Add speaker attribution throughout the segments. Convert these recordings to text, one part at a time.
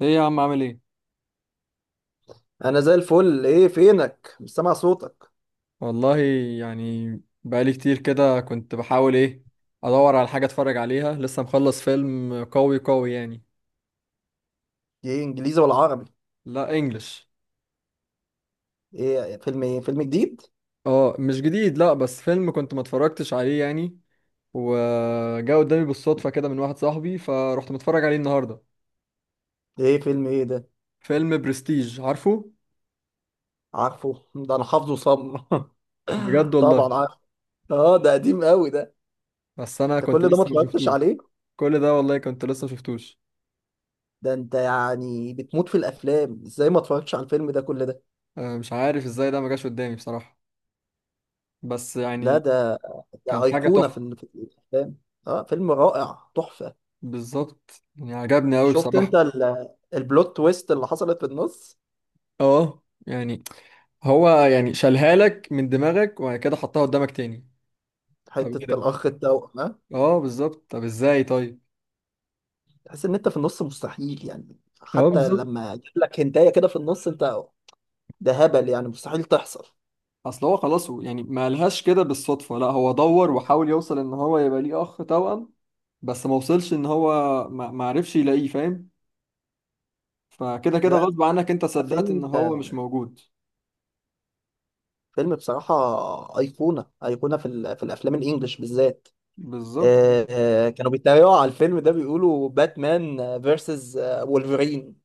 Speaker 1: ايه يا عم عامل ايه؟
Speaker 2: انا زي الفل. ايه فينك؟ مش سامع صوتك.
Speaker 1: والله، يعني بقالي كتير كده كنت بحاول ادور على حاجه اتفرج عليها. لسه مخلص فيلم قوي قوي يعني.
Speaker 2: ايه، انجليزي ولا عربي؟
Speaker 1: لا انجلش.
Speaker 2: ايه فيلم؟ ايه فيلم جديد؟
Speaker 1: اه مش جديد، لا، بس فيلم كنت ما اتفرجتش عليه يعني، وجا قدامي بالصدفه كده من واحد صاحبي، فرحت متفرج عليه النهارده.
Speaker 2: ايه فيلم ايه ده؟
Speaker 1: فيلم برستيج، عارفه؟
Speaker 2: عارفه ده انا حافظه صم.
Speaker 1: بجد والله.
Speaker 2: طبعا عارف. اه، ده قديم قوي ده.
Speaker 1: بس انا
Speaker 2: انت
Speaker 1: كنت
Speaker 2: كل ده ما
Speaker 1: لسه ما
Speaker 2: اتفرجتش
Speaker 1: شفتوش.
Speaker 2: عليه؟
Speaker 1: كل ده والله كنت لسه ما شفتوش.
Speaker 2: ده انت يعني بتموت في الافلام، ازاي ما اتفرجتش على الفيلم ده كل ده؟
Speaker 1: مش عارف ازاي ده ما جاش قدامي بصراحه، بس
Speaker 2: لا،
Speaker 1: يعني
Speaker 2: ده
Speaker 1: كان
Speaker 2: ده
Speaker 1: حاجه
Speaker 2: ايقونة
Speaker 1: تحفه.
Speaker 2: في الافلام. اه فيلم رائع، تحفة.
Speaker 1: بالظبط، يعني عجبني قوي
Speaker 2: شفت انت
Speaker 1: بصراحة.
Speaker 2: البلوت تويست اللي حصلت في النص؟
Speaker 1: اه يعني هو يعني شالها لك من دماغك وبعد كده حطها قدامك تاني. طب ايه
Speaker 2: حتة
Speaker 1: ده؟
Speaker 2: الاخ التوأم، آه؟
Speaker 1: اه بالظبط، طب ازاي طيب؟
Speaker 2: تحس ان انت في النص مستحيل يعني.
Speaker 1: اه
Speaker 2: حتى
Speaker 1: بالظبط.
Speaker 2: لما يجيب لك هنتايه كده في النص انت، ده هبل يعني مستحيل تحصل.
Speaker 1: اصل هو خلاص، هو يعني ما قالهاش كده بالصدفة، لا هو دور وحاول يوصل ان هو يبقى ليه اخ توأم، بس ما وصلش ان هو ما عرفش يلاقيه، فاهم؟ فكده كده
Speaker 2: لا
Speaker 1: غصب عنك انت صدقت ان
Speaker 2: فيلم،
Speaker 1: هو مش موجود.
Speaker 2: فيلم بصراحه، ايقونه ايقونه في الافلام الانجليش بالذات.
Speaker 1: بالظبط.
Speaker 2: آه، كانوا بيتريقوا على الفيلم ده، بيقولوا باتمان فيرسز وولفرين.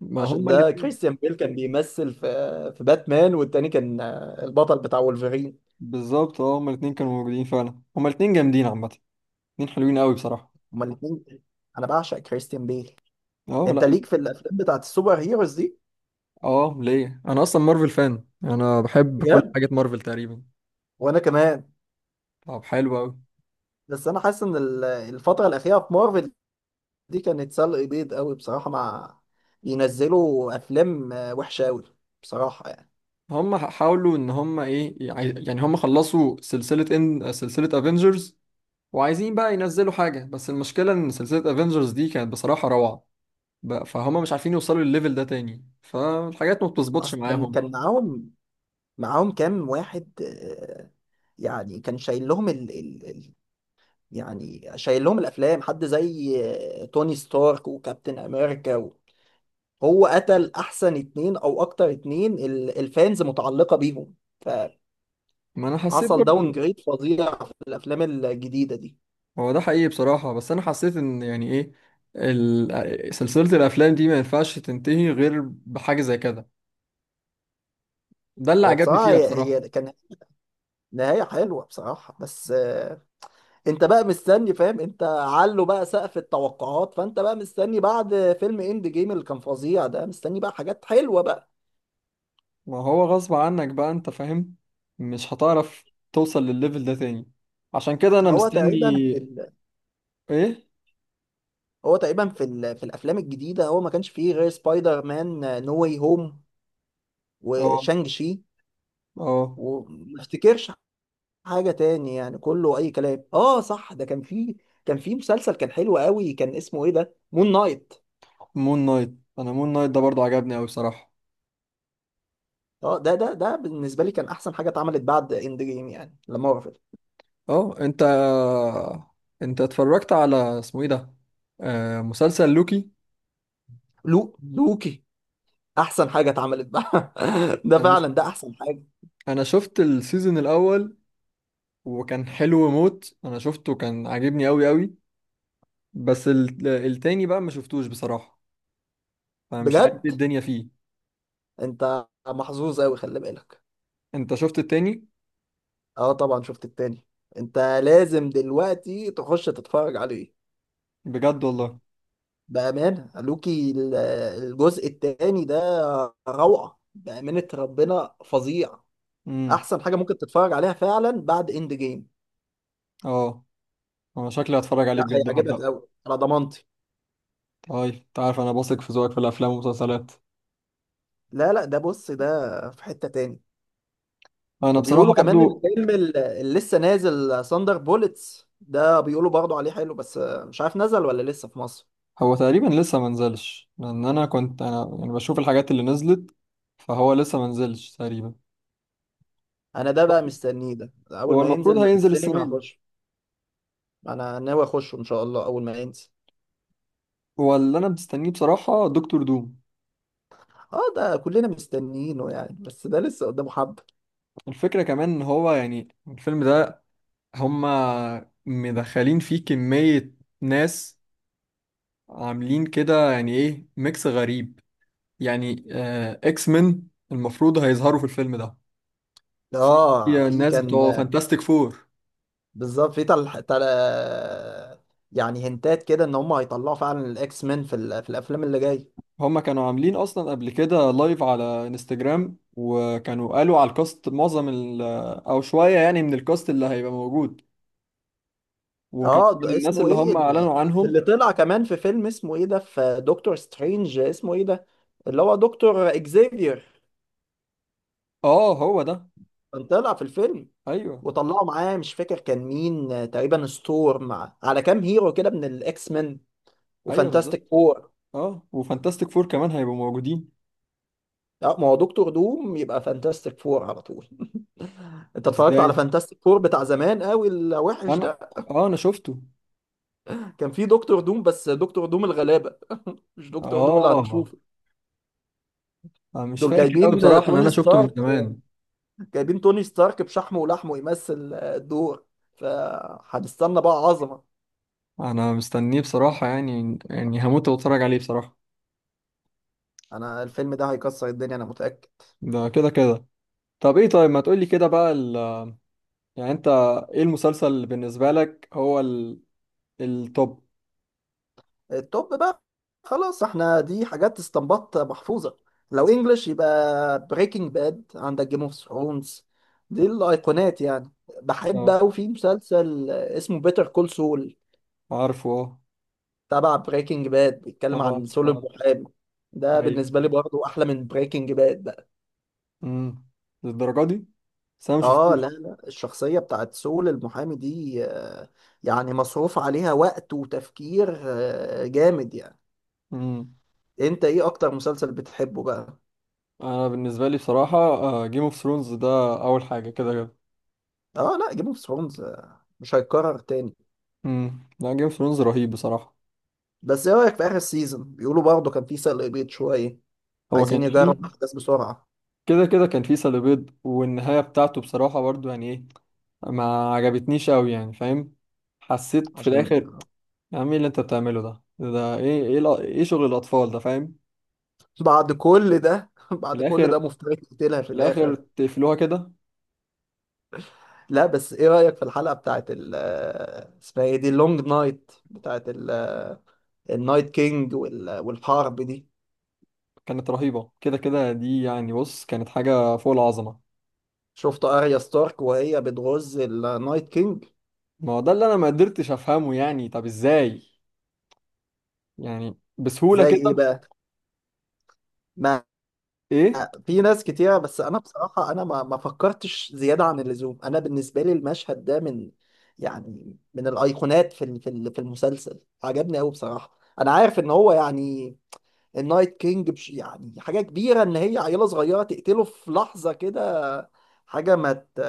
Speaker 1: ما
Speaker 2: عشان
Speaker 1: هما
Speaker 2: ده
Speaker 1: الاتنين.
Speaker 2: كريستيان بيل كان بيمثل في باتمان، والتاني كان البطل بتاع وولفرين.
Speaker 1: بالظبط، اه هما الاتنين كانوا موجودين فعلا، هما الاتنين جامدين عامة، اتنين حلوين قوي بصراحة.
Speaker 2: هما الاثنين. انا بعشق كريستيان بيل.
Speaker 1: اه
Speaker 2: انت
Speaker 1: لا.
Speaker 2: ليك في الافلام بتاعت السوبر هيروز دي؟
Speaker 1: اه ليه، انا اصلا مارفل فان، انا بحب كل
Speaker 2: بجد،
Speaker 1: حاجه مارفل تقريبا.
Speaker 2: وانا كمان.
Speaker 1: طب حلو قوي.
Speaker 2: بس انا حاسس ان الفتره الاخيره في مارفل دي كانت سلق بيض قوي بصراحه، مع بينزلوا افلام وحشه قوي بصراحه يعني.
Speaker 1: هم حاولوا ان هم ايه، يعني هم خلصوا سلسله، ان سلسله افنجرز وعايزين بقى ينزلوا حاجه، بس المشكله ان سلسله افنجرز دي كانت بصراحه روعه بقى، فهم مش عارفين يوصلوا للليفل ده تاني، فالحاجات ما بتظبطش
Speaker 2: اصلا
Speaker 1: معاهم.
Speaker 2: كان معاهم، معاهم كام واحد، يعني كان شايل لهم يعني شايل لهم الافلام حد زي توني ستارك وكابتن امريكا هو قتل احسن اتنين او اكتر، اتنين الفانز متعلقه بيهم.
Speaker 1: ما انا حسيت
Speaker 2: فحصل
Speaker 1: برضو.
Speaker 2: داون جريد فظيع في الافلام الجديده دي.
Speaker 1: هو ده حقيقي بصراحه، بس انا حسيت ان يعني ايه، سلسله الافلام دي ما ينفعش تنتهي غير بحاجه زي كده، ده اللي
Speaker 2: هو
Speaker 1: عجبني
Speaker 2: بصراحة
Speaker 1: فيها بصراحه.
Speaker 2: هي كان نهاية حلوة بصراحة، بس انت بقى مستني، فاهم؟ انت علو بقى سقف التوقعات، فانت بقى مستني بعد فيلم اند جيم اللي كان فظيع ده، مستني بقى حاجات حلوة بقى.
Speaker 1: ما هو غصب عنك بقى، انت فاهم، مش هتعرف توصل للليفل ده تاني، عشان كده انا
Speaker 2: هو تقريبا
Speaker 1: مستني. ايه؟
Speaker 2: هو تقريبا في الافلام الجديدة هو ما كانش فيه غير سبايدر مان نو واي هوم
Speaker 1: اه.
Speaker 2: وشانج شي.
Speaker 1: اه
Speaker 2: وما افتكرش حاجة تاني يعني، كله اي كلام. اه صح، ده كان فيه، كان فيه مسلسل كان حلو قوي، كان اسمه ايه ده؟ مون نايت.
Speaker 1: مون نايت. انا مون نايت ده برضو عجبني اوي بصراحة.
Speaker 2: اه ده بالنسبه لي كان احسن حاجه اتعملت بعد اند جيم يعني، لما وقفت.
Speaker 1: اه انت، انت اتفرجت على اسمه ايه ده، مسلسل لوكي؟
Speaker 2: لوكي، احسن حاجه اتعملت بقى. ده
Speaker 1: انا ش...
Speaker 2: فعلا ده احسن حاجه.
Speaker 1: انا شفت السيزون الاول وكان حلو موت، انا شفته كان عاجبني اوي اوي، بس التاني بقى ما شفتوش بصراحة، فمش عارف ايه
Speaker 2: بجد،
Speaker 1: الدنيا فيه.
Speaker 2: انت محظوظ قوي، خلي بالك.
Speaker 1: انت شفت التاني؟
Speaker 2: اه طبعا شفت التاني. انت لازم دلوقتي تخش تتفرج عليه،
Speaker 1: بجد والله.
Speaker 2: بامانه. لوكي الجزء التاني ده روعه، بامانه. ربنا، فظيع. احسن حاجه ممكن تتفرج عليها فعلا بعد اند جيم.
Speaker 1: اه انا شكلي هتفرج عليه
Speaker 2: لا
Speaker 1: بجد
Speaker 2: هيعجبك
Speaker 1: وهبدأه.
Speaker 2: قوي، على ضمانتي.
Speaker 1: طيب، انت عارف انا بثق في ذوقك في الافلام والمسلسلات.
Speaker 2: لا لا، ده بص ده في حتة تاني.
Speaker 1: انا بصراحة
Speaker 2: وبيقولوا كمان
Speaker 1: برضو.
Speaker 2: الفيلم اللي لسه نازل ساندر بولتس ده، بيقولوا برضه عليه حلو، بس مش عارف نزل ولا لسه في مصر.
Speaker 1: هو تقريبا لسه منزلش، لان انا كنت، انا يعني بشوف الحاجات اللي نزلت، فهو لسه منزلش تقريبا.
Speaker 2: انا ده بقى
Speaker 1: طيب،
Speaker 2: مستنيه، ده اول
Speaker 1: هو
Speaker 2: ما
Speaker 1: المفروض
Speaker 2: ينزل
Speaker 1: هينزل
Speaker 2: السينما
Speaker 1: السنة دي.
Speaker 2: هخش. انا ناوي اخشه ان شاء الله اول ما ينزل.
Speaker 1: هو اللي انا مستنيه بصراحة دكتور دوم.
Speaker 2: اه ده كلنا مستنيينه يعني، بس ده لسه قدامه حبة.
Speaker 1: الفكرة كمان ان هو يعني الفيلم ده هما مدخلين فيه كمية ناس، عاملين كده يعني ايه، ميكس غريب يعني. اكس مين المفروض هيظهروا في الفيلم ده،
Speaker 2: اه
Speaker 1: في
Speaker 2: في
Speaker 1: الناس
Speaker 2: كان،
Speaker 1: بتوع فانتاستيك فور.
Speaker 2: بالظبط. في يعني هنتات كده ان هم هيطلعوا فعلا الاكس مان، في, في الافلام اللي جايه.
Speaker 1: هما كانوا عاملين اصلا قبل كده لايف على انستجرام وكانوا قالوا على الكاست، معظم ال، او شوية يعني من الكاست اللي هيبقى موجود، وكان
Speaker 2: اه،
Speaker 1: من
Speaker 2: ده
Speaker 1: الناس
Speaker 2: اسمه
Speaker 1: اللي
Speaker 2: ايه
Speaker 1: هم اعلنوا عنهم.
Speaker 2: اللي طلع كمان في فيلم اسمه ايه ده، في دكتور سترينج، اسمه ايه ده، اللي هو دكتور اكزيفير.
Speaker 1: اه هو ده.
Speaker 2: كان طلع في الفيلم،
Speaker 1: ايوه.
Speaker 2: وطلعوا معاه مش فاكر كان مين، تقريبا ستورم، على كام هيرو كده من الاكس مان
Speaker 1: ايوه
Speaker 2: وفانتاستيك
Speaker 1: بالظبط.
Speaker 2: فور.
Speaker 1: اه وفانتاستيك فور كمان هيبقوا موجودين.
Speaker 2: اه ما هو دكتور دوم يبقى فانتاستيك فور على طول. انت اتفرجت على
Speaker 1: ازاي؟
Speaker 2: فانتاستيك فور بتاع زمان قوي، الوحش
Speaker 1: انا،
Speaker 2: ده؟
Speaker 1: اه انا شفته.
Speaker 2: كان فيه دكتور دوم، بس دكتور دوم الغلابة مش دكتور دوم اللي
Speaker 1: اه
Speaker 2: هنشوفه.
Speaker 1: انا مش
Speaker 2: دول
Speaker 1: فاكر قوي
Speaker 2: جايبين
Speaker 1: بصراحة، ان
Speaker 2: توني
Speaker 1: انا شفته من
Speaker 2: ستارك،
Speaker 1: زمان.
Speaker 2: جايبين توني ستارك بشحمه ولحمه يمثل الدور. فهنستنى بقى عظمة.
Speaker 1: انا مستنيه بصراحة، يعني يعني هموت واتفرج عليه بصراحة.
Speaker 2: انا الفيلم ده هيكسر الدنيا، انا متأكد.
Speaker 1: ده كده كده. طب ايه طيب، ما تقولي كده بقى يعني انت، ايه المسلسل اللي بالنسبة لك هو التوب؟
Speaker 2: التوب بقى، خلاص احنا دي حاجات استنباط محفوظة. لو انجلش يبقى بريكنج باد، عندك جيم اوف ثرونز، دي الايقونات يعني. بحب
Speaker 1: اه
Speaker 2: قوي في مسلسل اسمه بيتر كول سول،
Speaker 1: عارفه اه.
Speaker 2: تبع بريكنج باد، بيتكلم عن
Speaker 1: عارفه
Speaker 2: سول
Speaker 1: عارفه.
Speaker 2: المحامي. ده
Speaker 1: ايوه.
Speaker 2: بالنسبة لي برضو احلى من بريكنج باد.
Speaker 1: امم للدرجة دي؟ بس انا ما
Speaker 2: اه لا،
Speaker 1: شفتوش.
Speaker 2: لا، الشخصية بتاعت سول المحامي دي يعني مصروف عليها وقت وتفكير جامد يعني.
Speaker 1: امم
Speaker 2: انت ايه اكتر مسلسل بتحبه بقى؟
Speaker 1: انا بالنسبة لي بصراحة جيم اوف ثرونز ده اول حاجة كده كده.
Speaker 2: اه لا، جيم اوف ثرونز مش هيتكرر تاني.
Speaker 1: لا جيم اوف ثرونز رهيب بصراحة.
Speaker 2: بس ايه رأيك في اخر سيزون؟ بيقولوا برضه كان في سلق بيض شوية،
Speaker 1: هو
Speaker 2: عايزين
Speaker 1: كان فيه،
Speaker 2: يجربوا الاحداث بسرعة،
Speaker 1: كده كده كان فيه سلبيات، والنهاية بتاعته بصراحة برضو يعني ايه، ما عجبتنيش قوي يعني، فاهم؟ حسيت في
Speaker 2: عشان
Speaker 1: الاخر، يا عم ايه اللي انت بتعمله ده؟ ده ايه، ايه ايه شغل الاطفال ده، فاهم؟
Speaker 2: بعد كل ده
Speaker 1: في
Speaker 2: بعد كل
Speaker 1: الاخر،
Speaker 2: ده مفترض يقتلها في
Speaker 1: في الاخر
Speaker 2: الاخر.
Speaker 1: تقفلوها كده.
Speaker 2: لا بس ايه رأيك في الحلقة بتاعت ال آه، اسمها ايه دي، اللونج نايت بتاعت النايت كينج والحرب دي؟
Speaker 1: كانت رهيبه، كده كده دي يعني، بص كانت حاجه فوق العظمه.
Speaker 2: شفت اريا ستارك وهي بتغز النايت كينج؟
Speaker 1: ما هو ده اللي انا ما قدرتش افهمه، يعني طب ازاي؟ يعني بسهوله
Speaker 2: زي
Speaker 1: كده؟
Speaker 2: ايه بقى، ما
Speaker 1: ايه.
Speaker 2: في ناس كتيرة، بس انا بصراحة انا ما فكرتش زيادة عن اللزوم. انا بالنسبة لي المشهد ده من، يعني من الايقونات في المسلسل، عجبني قوي بصراحة. انا عارف ان هو يعني، النايت كينج بش يعني حاجة كبيرة ان هي عيلة صغيرة تقتله في لحظة كده، حاجة ما ت...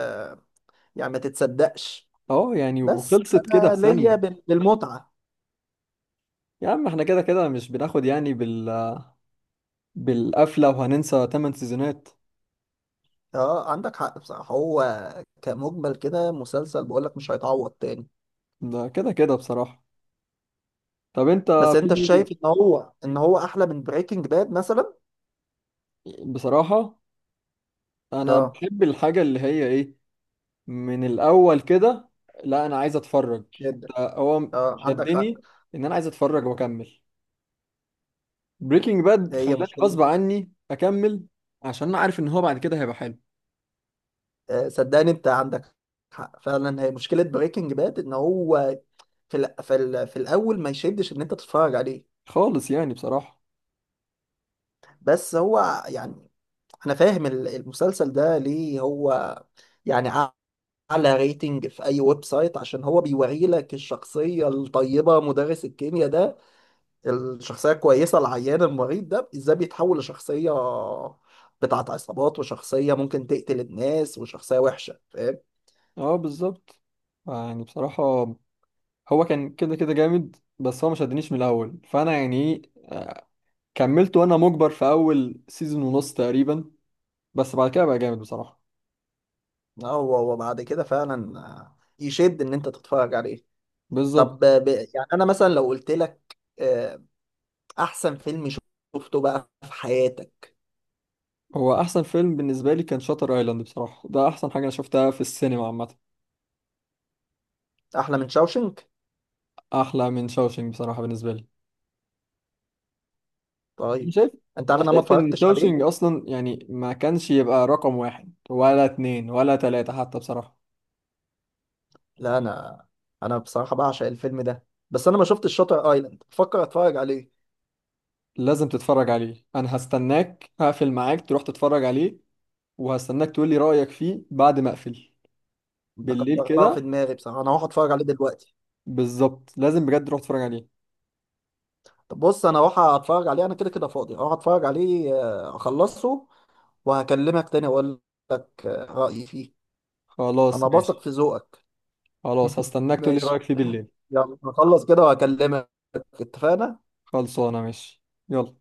Speaker 2: يعني ما تتصدقش.
Speaker 1: اه يعني
Speaker 2: بس
Speaker 1: وخلصت كده في
Speaker 2: انا ليا
Speaker 1: ثانيه.
Speaker 2: بالمتعة.
Speaker 1: يا عم احنا كده كده مش بناخد يعني بال، بالقفله وهننسى 8 سيزونات.
Speaker 2: اه عندك حق بصراحة. هو كمجمل كده مسلسل بقولك مش هيتعوض تاني.
Speaker 1: ده كده كده بصراحه. طب انت؟
Speaker 2: بس انت
Speaker 1: في،
Speaker 2: شايف ان هو احلى من بريكنج باد مثلا؟
Speaker 1: بصراحة، أنا
Speaker 2: اه
Speaker 1: بحب الحاجة اللي هي إيه، من الأول كده، لا أنا عايز أتفرج،
Speaker 2: جدا.
Speaker 1: هو
Speaker 2: اه عندك حق،
Speaker 1: شدني إن أنا عايز أتفرج وأكمل. بريكنج باد
Speaker 2: هي
Speaker 1: خلاني
Speaker 2: مشكلة.
Speaker 1: غصب عني أكمل، عشان أنا عارف إن هو بعد كده هيبقى حلو،
Speaker 2: صدقني انت عندك حق فعلا، هي مشكلة بريكنج باد ان هو في الاول ما يشدش ان انت تتفرج عليه.
Speaker 1: خالص يعني بصراحة.
Speaker 2: بس هو يعني، انا فاهم المسلسل ده ليه هو يعني اعلى ريتنج في اي ويب سايت، عشان هو بيوري لك الشخصية الطيبة، مدرس الكيمياء ده، الشخصية الكويسة العيان المريض ده، ازاي بيتحول لشخصية بتاعت عصابات، وشخصية ممكن تقتل الناس، وشخصية وحشة، فاهم؟
Speaker 1: أه بالظبط، يعني بصراحة هو كان كده كده جامد، بس هو ما شدنيش من الأول، فأنا يعني إيه كملت وأنا مجبر في أول سيزون ونص تقريبا، بس بعد كده بقى جامد بصراحة.
Speaker 2: آه، هو وبعد كده فعلا يشد ان انت تتفرج عليه.
Speaker 1: بالظبط.
Speaker 2: طب يعني انا مثلا لو قلت لك احسن فيلم شفته بقى في حياتك؟
Speaker 1: هو احسن فيلم بالنسبه لي كان شاتر ايلاند بصراحه، ده احسن حاجه انا شفتها في السينما عامه.
Speaker 2: احلى من شاوشنك؟
Speaker 1: احلى من شاوشينج بصراحه بالنسبه لي. أنا
Speaker 2: طيب
Speaker 1: شايف،
Speaker 2: انت عارف
Speaker 1: انا
Speaker 2: إن انا ما
Speaker 1: شايف ان
Speaker 2: اتفرجتش
Speaker 1: شاوشينج
Speaker 2: عليه.
Speaker 1: اصلا يعني ما كانش يبقى رقم واحد ولا اتنين ولا تلاته حتى بصراحه.
Speaker 2: لا انا، انا بصراحة بعشق الفيلم ده، بس انا ما شفتش شاتر ايلاند، بفكر اتفرج عليه.
Speaker 1: لازم تتفرج عليه، انا هستناك هقفل معاك تروح تتفرج عليه، وهستناك تقول لي رايك فيه بعد ما اقفل.
Speaker 2: انت
Speaker 1: بالليل
Speaker 2: كبرتها
Speaker 1: كده،
Speaker 2: في دماغي بصراحة، انا هروح اتفرج عليه دلوقتي.
Speaker 1: بالظبط لازم بجد تروح تتفرج عليه.
Speaker 2: طب بص، انا هروح اتفرج عليه، انا كده كده فاضي، هروح اتفرج عليه اخلصه وهكلمك تاني اقول لك رأيي فيه.
Speaker 1: خلاص
Speaker 2: انا بثق
Speaker 1: ماشي.
Speaker 2: في ذوقك.
Speaker 1: خلاص هستناك تقول لي
Speaker 2: ماشي،
Speaker 1: رايك فيه بالليل.
Speaker 2: يلا هخلص كده وهكلمك. اتفقنا.
Speaker 1: خلصانه ماشي. يلا.